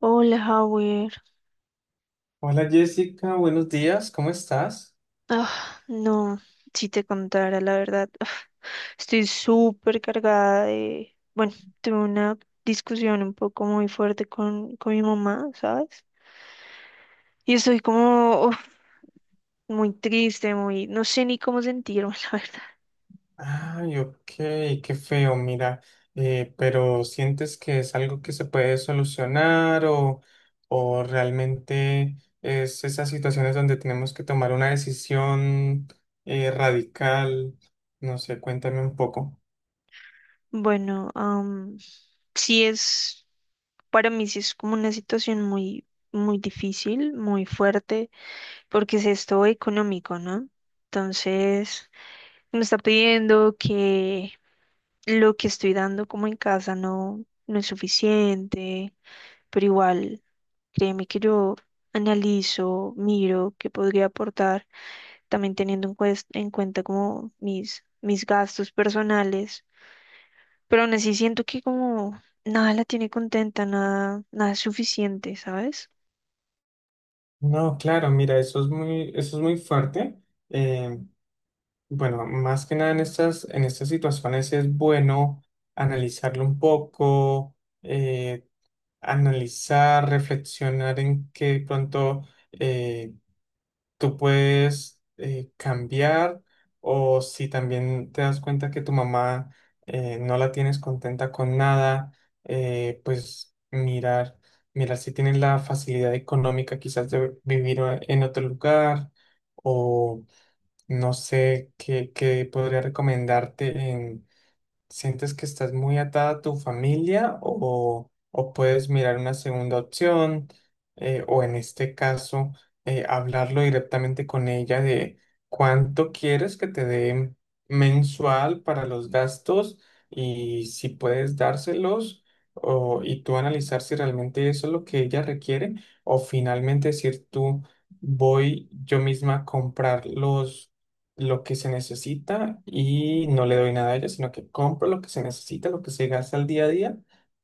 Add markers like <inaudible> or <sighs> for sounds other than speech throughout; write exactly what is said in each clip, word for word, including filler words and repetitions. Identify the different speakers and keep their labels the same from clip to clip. Speaker 1: Hola, Howard.
Speaker 2: Hola Jessica, buenos días, ¿cómo estás?
Speaker 1: Ah, no, si te contara la verdad, ah, estoy súper cargada de... Bueno, tuve una discusión un poco muy fuerte con, con mi mamá, ¿sabes? Y estoy como uf, muy triste, muy... No sé ni cómo sentirme, <laughs> la verdad.
Speaker 2: Ay, ok, qué feo, mira, eh, pero ¿sientes que es algo que se puede solucionar o, o realmente es esas situaciones donde tenemos que tomar una decisión eh, radical? No sé, cuéntame un poco.
Speaker 1: Bueno, am, sí es... Para mí sí es como una situación muy, muy difícil, muy fuerte, porque es esto económico, ¿no? Entonces, me está pidiendo que lo que estoy dando como en casa no, no es suficiente, pero igual, créeme que yo analizo, miro qué podría aportar, también teniendo en, cues- en cuenta como mis, mis gastos personales, pero aún así siento que como nada la tiene contenta, nada, nada es suficiente, ¿sabes?
Speaker 2: No, claro, mira, eso es muy, eso es muy fuerte. Eh, bueno, más que nada en estas, en estas situaciones es bueno analizarlo un poco. eh, Analizar, reflexionar en qué pronto eh, tú puedes eh, cambiar o si también te das cuenta que tu mamá eh, no la tienes contenta con nada, eh, pues mirar, mirar si tienes la facilidad económica quizás de vivir a- en otro lugar o no sé qué, qué podría recomendarte. ¿Sientes que estás muy atada a tu familia o, o puedes mirar una segunda opción eh, o en este caso eh, hablarlo directamente con ella de cuánto quieres que te dé mensual para los gastos y si puedes dárselos o, y tú analizar si realmente eso es lo que ella requiere o finalmente decir tú voy yo misma a comprar los, lo que se necesita y no le doy nada a ella, sino que compro lo que se necesita, lo que se gasta al día a día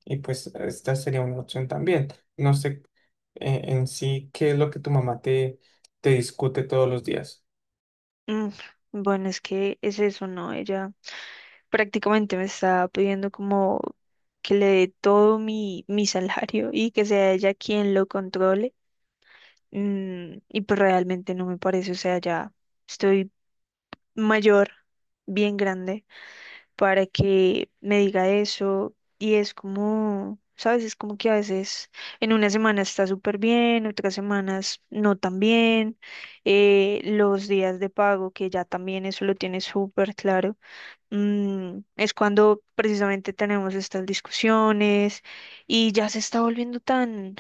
Speaker 2: y pues esta sería una opción también. No sé eh, en sí qué es lo que tu mamá te, te discute todos los días.
Speaker 1: Mm, bueno, es que es eso, ¿no? Ella prácticamente me está pidiendo como que le dé todo mi, mi <laughs> salario y que sea ella quien lo controle. Mm, y pues realmente no me parece, o sea, ya estoy mayor, bien grande, para que me diga eso. Y es como, ¿sabes? Es como que a veces en una semana está súper bien, otras semanas no tan bien. eh, los días de pago, que ya también eso lo tiene súper claro, mm, es cuando precisamente tenemos estas discusiones y ya se está volviendo tan,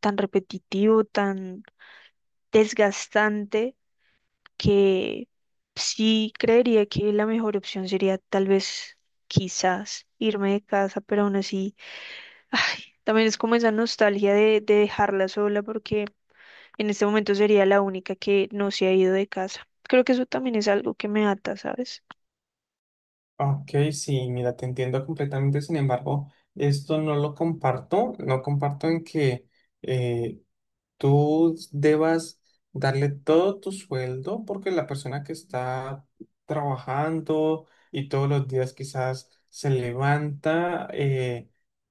Speaker 1: tan repetitivo, tan desgastante que sí creería que la mejor opción sería tal vez, quizás, irme de casa, pero aún así, <laughs> ay, también es como esa nostalgia de, de dejarla sola porque en este momento sería la única que no se ha ido de casa. Creo que eso también es algo que me ata, ¿sabes?
Speaker 2: Ok, sí, mira, te entiendo completamente, sin embargo, esto no lo comparto, no comparto en que... eh, tú debas darle todo tu sueldo porque la persona que está trabajando y todos los días quizás se levanta eh,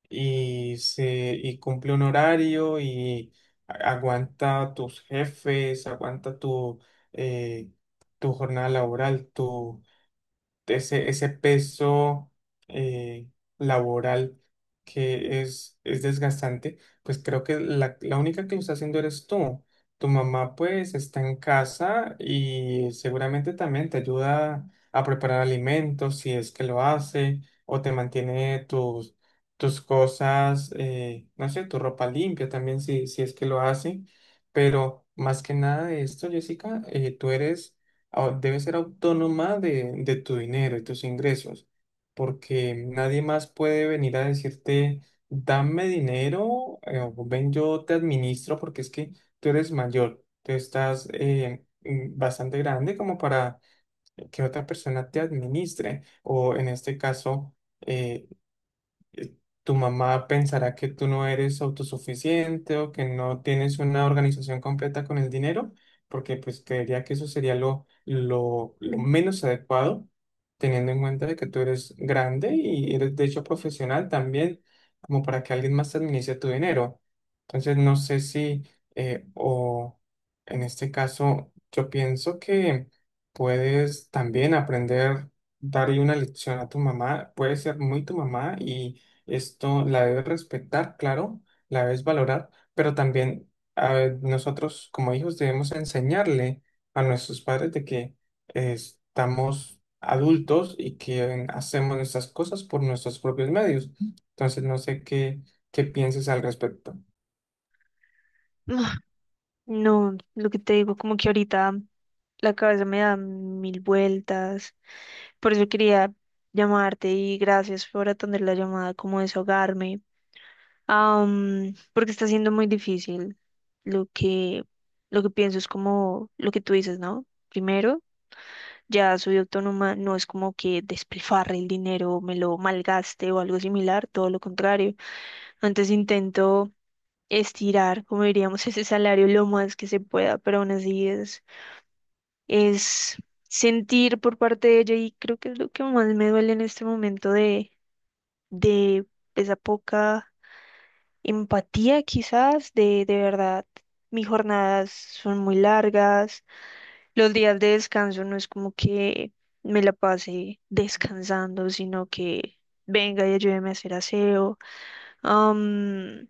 Speaker 2: y, se, y cumple un horario y a- aguanta tus jefes, aguanta tu, eh, tu jornada laboral, ese, ese peso eh, laboral que es, es desgastante, pues creo que la, la única que lo está haciendo eres tú. Tu mamá pues está en casa y seguramente también te ayuda a preparar alimentos si es que lo hace o te mantiene tus, tus cosas, eh, no sé, tu ropa limpia también si, si es que lo hace. Pero más que nada de esto, Jessica, eh, tú eres au- debes ser autónoma de, de tu dinero y tus ingresos, porque nadie más puede venir a decirte, dame dinero, eh, o ven yo te administro, porque es que tú eres mayor, tú estás eh, mm, bastante grande como para que otra persona te administre, o en este caso, eh, eh, tu mamá pensará que tú no eres autosuficiente o que no tienes una organización completa con el dinero, porque pues creería que eso sería lo, lo, lo menos adecuado, teniendo en cuenta de que tú eres grande y eres de hecho profesional también, como para que alguien más administre tu dinero. Entonces, no sé si, eh, o en este caso, yo pienso que puedes también aprender darle una lección a tu mamá, puede ser muy tu mamá y esto la debes respetar, claro, la debes valorar, pero también ah, nosotros como hijos debemos enseñarle a nuestros padres de que eh, estamos adultos y que hacemos nuestras cosas por nuestros propios medios. Entonces, no sé qué, qué pienses al respecto.
Speaker 1: Ah, no, lo que te digo, como que ahorita la cabeza me da mil vueltas. Por eso quería llamarte y gracias por atender la llamada, como desahogarme. Am, porque está siendo muy difícil. Lo que, lo que pienso es como lo que tú dices, ¿no? Primero, ya soy autónoma, no es como que despilfarre el dinero, me lo malgaste o algo similar, todo lo contrario. Antes intento estirar, como diríamos, <laughs> ese salario lo más que se pueda, pero aún así es, es sentir por parte de ella y creo que es lo que más me duele en este momento de, de esa poca empatía quizás de, de verdad. Mis jornadas son muy largas, los días de descanso no es como que me la pase descansando, sino que venga y ayúdeme a hacer aseo. am,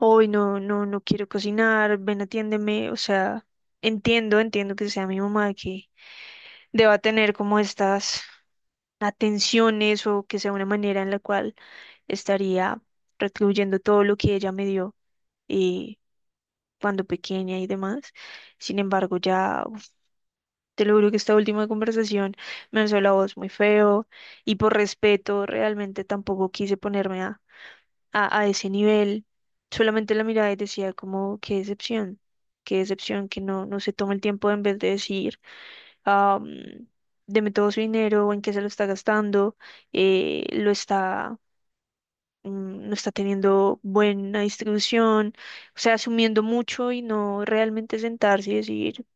Speaker 1: Hoy no, no, no quiero cocinar, ven, atiéndeme. O sea, entiendo, entiendo que sea mi mamá que deba tener como estas atenciones o que sea una manera en la cual estaría recluyendo todo lo que ella me dio eh, cuando pequeña y demás. Sin embargo, ya uf, te lo juro que esta última conversación me alzó la voz muy feo y por respeto realmente tampoco quise ponerme a, a, a ese nivel. Solamente la mirada y decía como, qué decepción, qué decepción que no, no se toma el tiempo en vez de decir, ah, mm, deme todo su dinero o en qué se lo está gastando, eh, lo está mm, no está teniendo buena distribución, o sea, asumiendo mucho y no realmente sentarse y decir,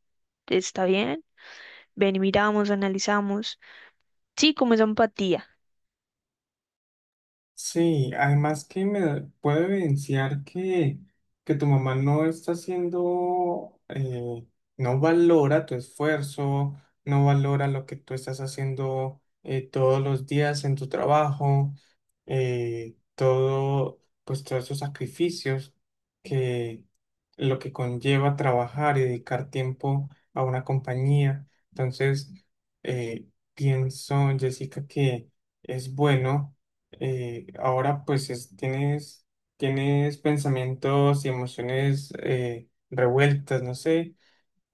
Speaker 1: está bien, ven y miramos, analizamos. Sí, como esa empatía.
Speaker 2: Sí, además que me puede evidenciar que, que tu mamá no está haciendo, eh, no valora tu esfuerzo, no valora lo que tú estás haciendo eh, todos los días en tu trabajo, eh, todo, pues todos esos sacrificios que lo que conlleva trabajar y dedicar tiempo a una compañía. Entonces, eh, pienso, Jessica, que es bueno eh, ahora pues es- tienes, tienes pensamientos y emociones eh, revueltas, no sé,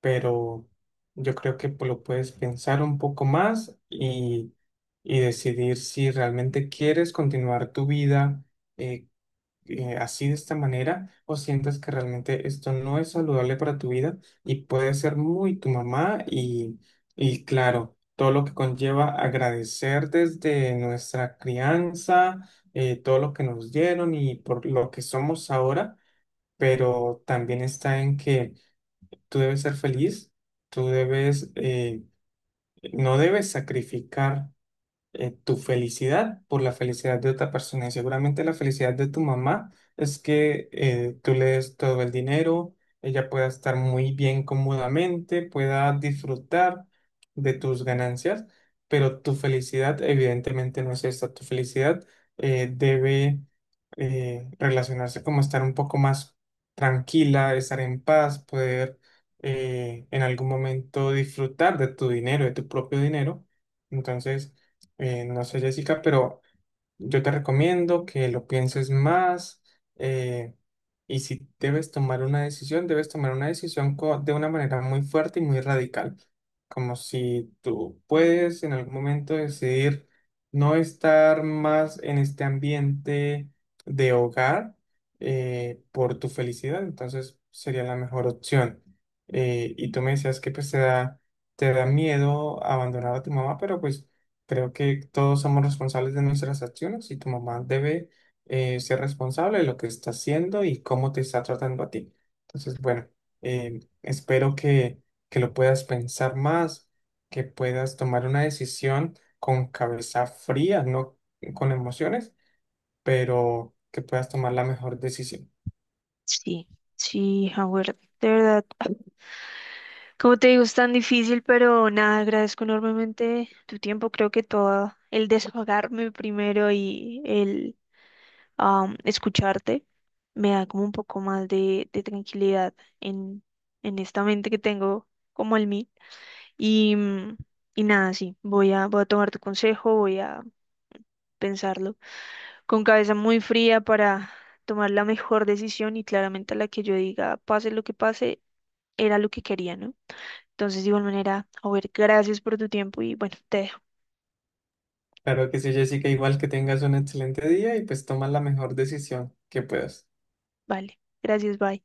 Speaker 2: pero yo creo que pues, lo puedes pensar un poco más y, y decidir si realmente quieres continuar tu vida eh, eh, así de esta manera o sientas que realmente esto no es saludable para tu vida y puede ser muy tu mamá y, y claro, todo lo que conlleva agradecer desde nuestra crianza, eh, todo lo que nos dieron y por lo que somos ahora, pero también está en que tú debes ser feliz, tú debes, eh, no debes sacrificar eh, tu felicidad por la felicidad de otra persona. Y seguramente la felicidad de tu mamá es que eh, tú le des todo el dinero, ella pueda estar muy bien cómodamente, pueda disfrutar de tus ganancias, pero tu felicidad evidentemente no es esta. Tu felicidad eh, debe eh, relacionarse como estar un poco más tranquila, estar en paz, poder... eh, en algún momento disfrutar de tu dinero, de tu propio dinero. Entonces, eh, no sé, Jessica, pero yo te recomiendo que lo pienses más eh, y si debes tomar una decisión, debes tomar una decisión co- de una manera muy fuerte y muy radical, como si tú puedes en algún momento decidir no estar más en este ambiente de hogar eh, por tu felicidad, entonces sería la mejor opción. Eh, y tú me decías que pues te da, te da miedo abandonar a tu mamá, pero pues... Creo que todos somos responsables de nuestras acciones y tu mamá debe eh, ser responsable de lo que está haciendo y cómo te está tratando a ti. Entonces, bueno, eh, espero que, que lo puedas pensar más, que puedas tomar una decisión con cabeza fría, no con emociones, pero que puedas tomar la mejor decisión.
Speaker 1: Sí, sí, Howard, de verdad. <sighs> <clears throat> Como te digo, es tan difícil, pero nada, agradezco enormemente tu tiempo. Creo que todo el desahogarme primero y el am, escucharte me da como un poco más de, de tranquilidad en, en esta mente que tengo como el mí. Y, mm, y nada, sí, voy a, voy a tomar tu consejo, voy a pensarlo con cabeza muy fría para tomar la mejor decisión y claramente la que yo diga, pase lo que pase, era lo que quería, ¿no? Entonces, de igual manera, a ver, gracias por tu tiempo y bueno, te dejo.
Speaker 2: Claro que sí, Jessica, igual que tengas un excelente día y pues toma la mejor decisión que puedas.
Speaker 1: Vale, gracias, bye.